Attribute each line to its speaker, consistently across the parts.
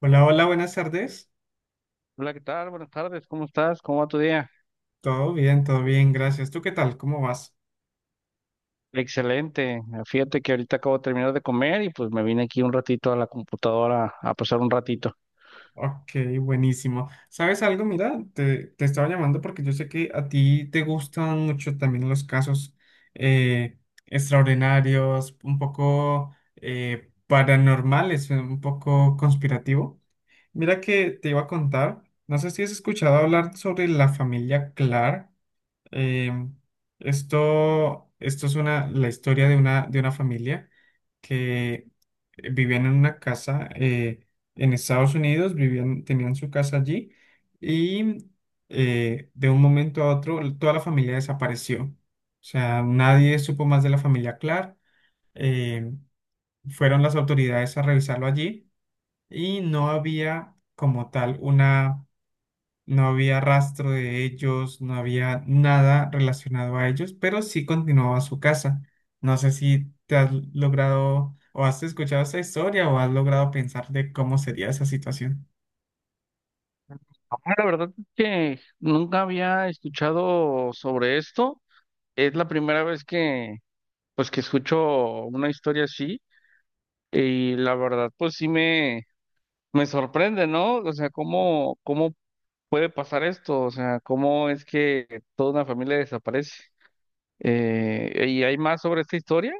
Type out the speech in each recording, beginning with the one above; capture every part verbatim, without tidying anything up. Speaker 1: Hola, hola, buenas tardes.
Speaker 2: Hola, ¿qué tal? Buenas tardes, ¿cómo estás? ¿Cómo va tu día?
Speaker 1: Todo bien, todo bien, gracias. ¿Tú qué tal? ¿Cómo vas?
Speaker 2: Excelente. Fíjate que ahorita acabo de terminar de comer y pues me vine aquí un ratito a la computadora a pasar un ratito.
Speaker 1: Ok, buenísimo. ¿Sabes algo? Mira, te, te estaba llamando porque yo sé que a ti te gustan mucho también los casos eh, extraordinarios, un poco eh, paranormales, un poco conspirativo. Mira que te iba a contar, no sé si has escuchado hablar sobre la familia Clark. Em, esto, esto es una, la historia de una, de una familia que vivían en una casa eh, en Estados Unidos, vivían, tenían su casa allí y eh, de un momento a otro toda la familia desapareció. O sea, nadie supo más de la familia Clark. eh, Fueron las autoridades a revisarlo allí y no había como tal una no había rastro de ellos, no había nada relacionado a ellos, pero sí continuaba su casa. No sé si te has logrado o has escuchado esa historia o has logrado pensar de cómo sería esa situación.
Speaker 2: Ah, la verdad es que nunca había escuchado sobre esto. Es la primera vez que pues que escucho una historia así y la verdad pues sí me me sorprende, ¿no? O sea, cómo cómo puede pasar esto, o sea, cómo es que toda una familia desaparece. Eh, ¿y hay más sobre esta historia?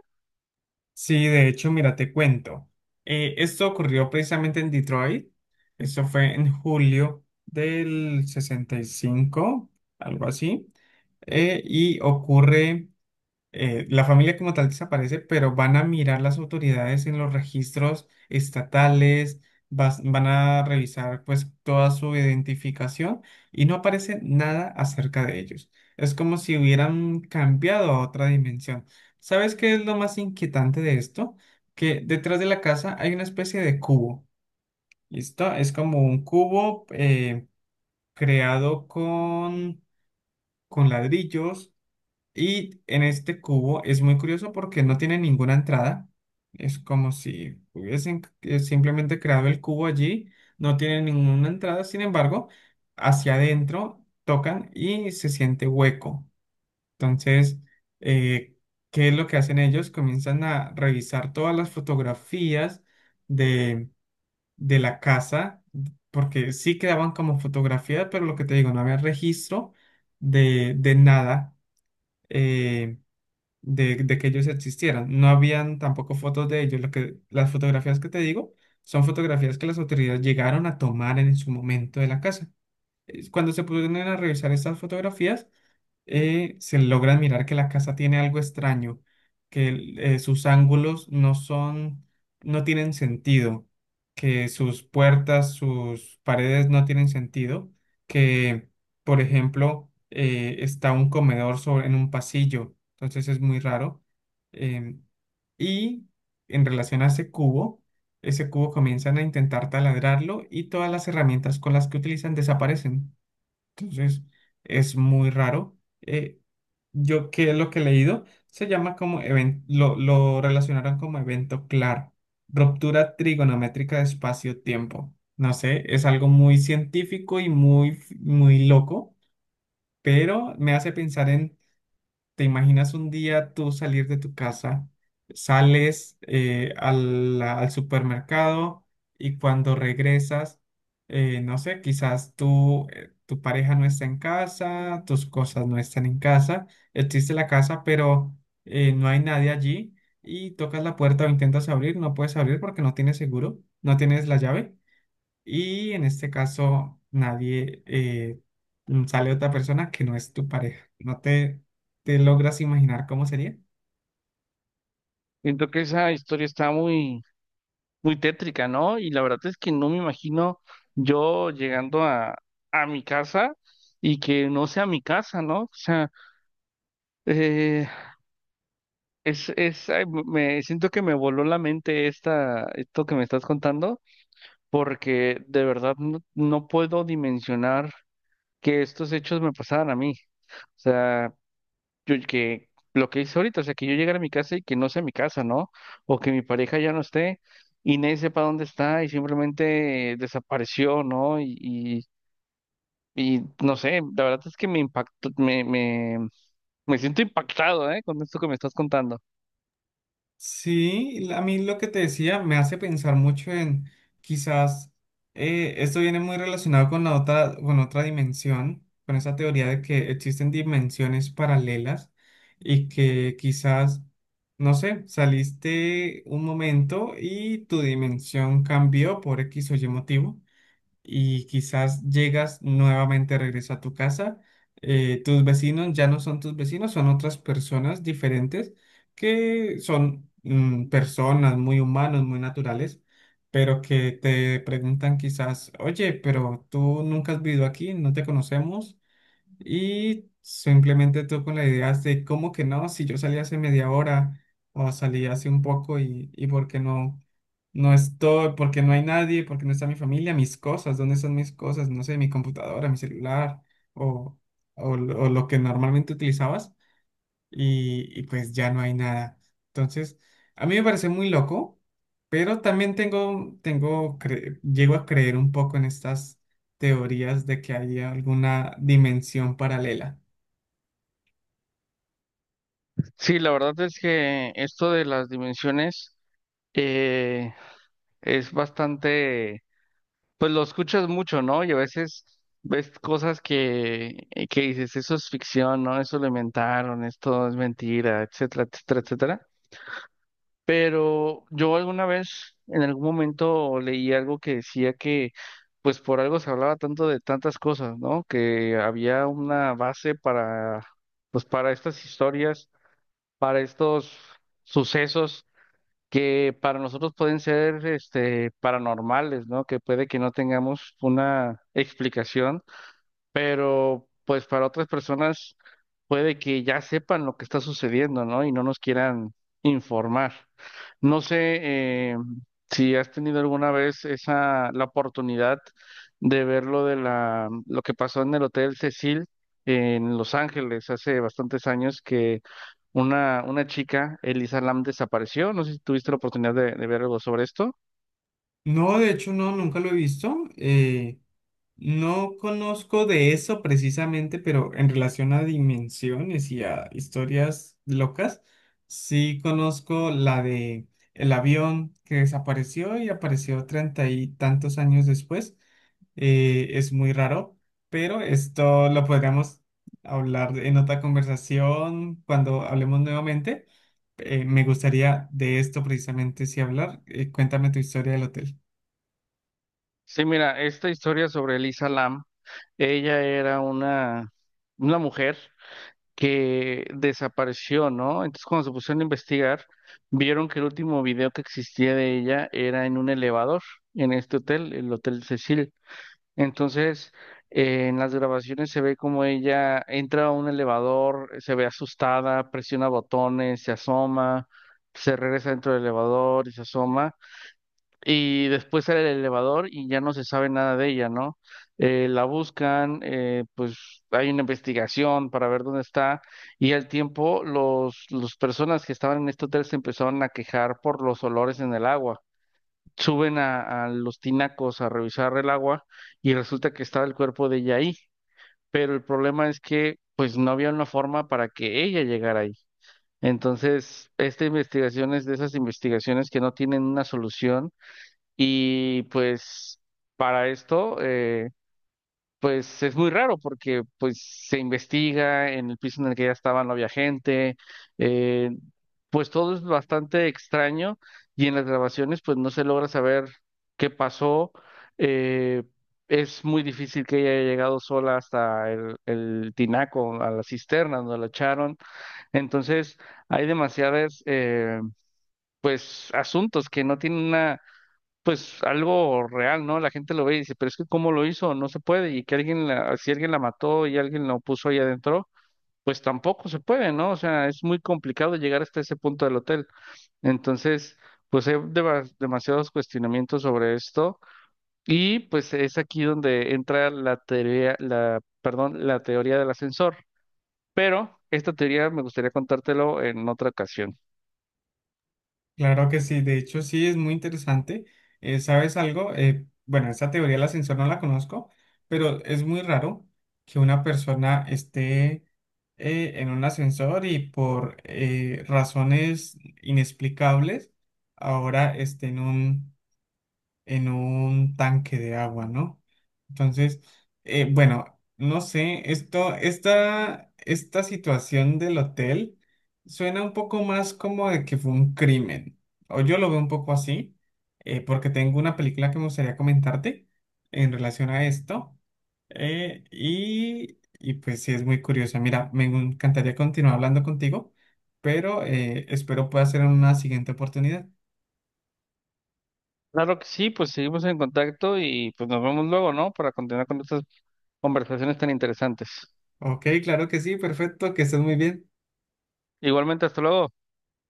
Speaker 1: Sí, de hecho, mira, te cuento. Eh, esto ocurrió precisamente en Detroit. Eso fue en julio del sesenta y cinco, algo así. Eh, y ocurre eh, la familia como tal desaparece, pero van a mirar las autoridades en los registros estatales, vas- van a revisar pues toda su identificación y no aparece nada acerca de ellos. Es como si hubieran cambiado a otra dimensión. ¿Sabes qué es lo más inquietante de esto? Que detrás de la casa hay una especie de cubo. ¿Listo? Es como un cubo eh, creado con, con ladrillos, y en este cubo es muy curioso porque no tiene ninguna entrada. Es como si hubiesen eh, simplemente creado el cubo allí. No tiene ninguna entrada. Sin embargo, hacia adentro tocan y se siente hueco. Entonces, eh, ¿qué es lo que hacen ellos? Comienzan a revisar todas las fotografías de, de la casa. Porque sí quedaban como fotografías, pero lo que te digo, no había registro de, de nada. eh, de, de que ellos existieran. No habían tampoco fotos de ellos. Lo que, las fotografías que te digo son fotografías que las autoridades llegaron a tomar en su momento de la casa. Eh, Cuando se pudieron a revisar estas fotografías, eh, se logra mirar que la casa tiene algo extraño, que el- eh, sus ángulos no son, no tienen sentido, que sus puertas, sus paredes no tienen sentido, que, por ejemplo, eh, está un comedor sobre, en un pasillo, entonces es muy raro. em, y en relación a ese cubo, ese cubo comienzan a intentar taladrarlo y todas las herramientas con las que utilizan desaparecen. Entonces, es muy raro. Eh, yo que lo que he leído se llama como evento, lo, lo relacionaron como evento claro, ruptura trigonométrica de espacio-tiempo. No sé, es algo muy científico y muy, muy loco, pero me hace pensar en ¿te imaginas un día tú salir de tu casa, sales eh, al, al supermercado y cuando regresas, eh, no sé, quizás tú, eh, tu pareja no está en casa, tus cosas no están en casa, existe la casa, pero eh, no hay nadie allí y tocas la puerta o intentas abrir, no puedes abrir porque no tienes seguro, no tienes la llave? Y en este caso, nadie eh, mm, sale otra persona que no es tu pareja. ¿No te, te logras imaginar cómo sería?
Speaker 2: Siento que esa historia está muy, muy tétrica, ¿no? Y la verdad es que no me imagino yo llegando a, a mi casa y que no sea mi casa, ¿no? O sea, eh, es, es, ay, me siento que me voló la mente esta, esto que me estás contando, porque de verdad no, no puedo dimensionar que estos hechos me pasaran a mí. O sea, yo- que lo que hice ahorita, o sea, que yo llegara a mi casa y que no sea mi casa, ¿no? O que mi pareja ya no esté y nadie sepa dónde está y simplemente eh, desapareció, ¿no? Y, y, y no sé, la verdad es que me impactó, me, me, me siento impactado, ¿eh? Con esto que me estás contando.
Speaker 1: Sí, la- a mí lo que te decía me hace pensar mucho en quizás eh, esto viene muy relacionado con la otra, con otra dimensión, con esa teoría de que existen dimensiones paralelas y que quizás, no sé, saliste un momento y tu dimensión cambió por X o Y motivo. Y quizás llegas nuevamente, regreso a tu casa, eh, tus vecinos ya no son tus vecinos, son otras personas diferentes que son mm, personas muy humanos, muy naturales, pero que te preguntan quizás, oye, pero tú nunca has vivido aquí, no te conocemos. Y simplemente tú con la idea de cómo que no, si yo salí hace media hora o salí hace un poco y, y por qué no, no estoy, porque no hay nadie, porque no está mi familia, mis cosas, ¿dónde están mis cosas? No sé, mi computadora, mi celular o, o, lo o lo que normalmente utilizabas y, y pues ya no hay nada. Entonces, a mí me parece muy loco, pero también tengo, tengo, cre- llego a creer un poco en estas teorías de que hay alguna dimensión paralela.
Speaker 2: Sí, la verdad es que esto de las dimensiones eh, es bastante, pues lo escuchas mucho, ¿no? Y a veces ves cosas que, eh, que dices, eso es ficción, ¿no? Eso lo inventaron, esto es mentira, etcétera, etcétera, etcétera. Pero yo alguna vez, en algún momento, leí algo que decía que, pues por algo se hablaba tanto de tantas cosas, ¿no? Que había una base para, pues para estas historias, para estos sucesos que para nosotros pueden ser este, paranormales, ¿no? Que puede que no tengamos una explicación, pero pues para otras personas puede que ya sepan lo que está sucediendo, ¿no? Y no nos quieran informar. No sé, eh, si has tenido alguna vez esa la oportunidad de ver lo de la lo que pasó en el Hotel Cecil en Los Ángeles hace bastantes años que una, una chica, Elisa Lam, desapareció. No sé si tuviste la oportunidad de, de ver algo sobre esto.
Speaker 1: No, de hecho, no, nunca lo he visto. eh, No conozco de eso precisamente, pero en relación a dimensiones y a historias locas, sí conozco la de el avión que desapareció y apareció treinta y tantos años después. Eh, es muy raro, pero esto lo podríamos hablar en otra conversación cuando hablemos nuevamente. Eh, me gustaría de esto precisamente sí hablar. Eh, cuéntame tu historia del hotel.
Speaker 2: Sí, mira, esta historia sobre Elisa Lam, ella era una, una mujer que desapareció, ¿no? Entonces cuando se pusieron a investigar, vieron que el último video que existía de ella era en un elevador, en este hotel, el Hotel Cecil. Entonces, eh, en las grabaciones se ve como ella entra a un elevador, se ve asustada, presiona botones, se asoma, se regresa dentro del elevador y se asoma y después sale el elevador y ya no se sabe nada de ella, ¿no? Eh, la buscan, eh, pues hay una investigación para ver dónde está y al tiempo los, las personas que estaban en este hotel se empezaron a quejar por los olores en el agua. Suben a, a los tinacos a revisar el agua y resulta que estaba el cuerpo de ella ahí, pero el problema es que pues no había una forma para que ella llegara ahí. Entonces, esta investigación es de esas investigaciones que no tienen una solución y pues para esto, eh, pues es muy raro porque pues se investiga en el piso en el que ya estaba, no había gente, eh, pues todo es bastante extraño y en las grabaciones pues no se logra saber qué pasó. eh, es muy difícil que ella haya llegado sola hasta el, el tinaco, a la cisterna donde la echaron. Entonces hay demasiadas, eh, pues asuntos que no tienen una pues algo real, ¿no? La gente lo ve y dice, pero es que ¿cómo lo hizo? No se puede. Y que alguien, la- si alguien la mató y alguien lo puso ahí adentro, pues tampoco se puede, ¿no? O sea, es muy complicado llegar hasta ese punto del hotel. Entonces, pues hay deba- demasiados cuestionamientos sobre esto. Y pues es aquí donde entra la teoría, la, perdón, la teoría del ascensor. Pero esta teoría me gustaría contártelo en otra ocasión.
Speaker 1: Claro que sí, de hecho sí es muy interesante. Eh, ¿sabes algo? Eh, bueno, esa teoría del ascensor no la conozco, pero es muy raro que una persona esté eh, en un ascensor y por eh, razones inexplicables ahora esté en un en un tanque de agua, ¿no? Entonces, eh, bueno, no sé, esto, esta, esta situación del hotel suena un poco más como de que fue un crimen, o yo lo veo un poco así, eh, porque tengo una película que me gustaría comentarte en relación a esto, eh, y, y pues sí, es muy curiosa. Mira, me encantaría continuar hablando contigo, pero eh, espero pueda ser en una siguiente oportunidad.
Speaker 2: Claro que sí, pues seguimos en contacto y pues nos vemos luego, ¿no? Para continuar con estas conversaciones tan interesantes.
Speaker 1: Ok, claro que sí, perfecto, que estés muy bien.
Speaker 2: Igualmente, hasta luego.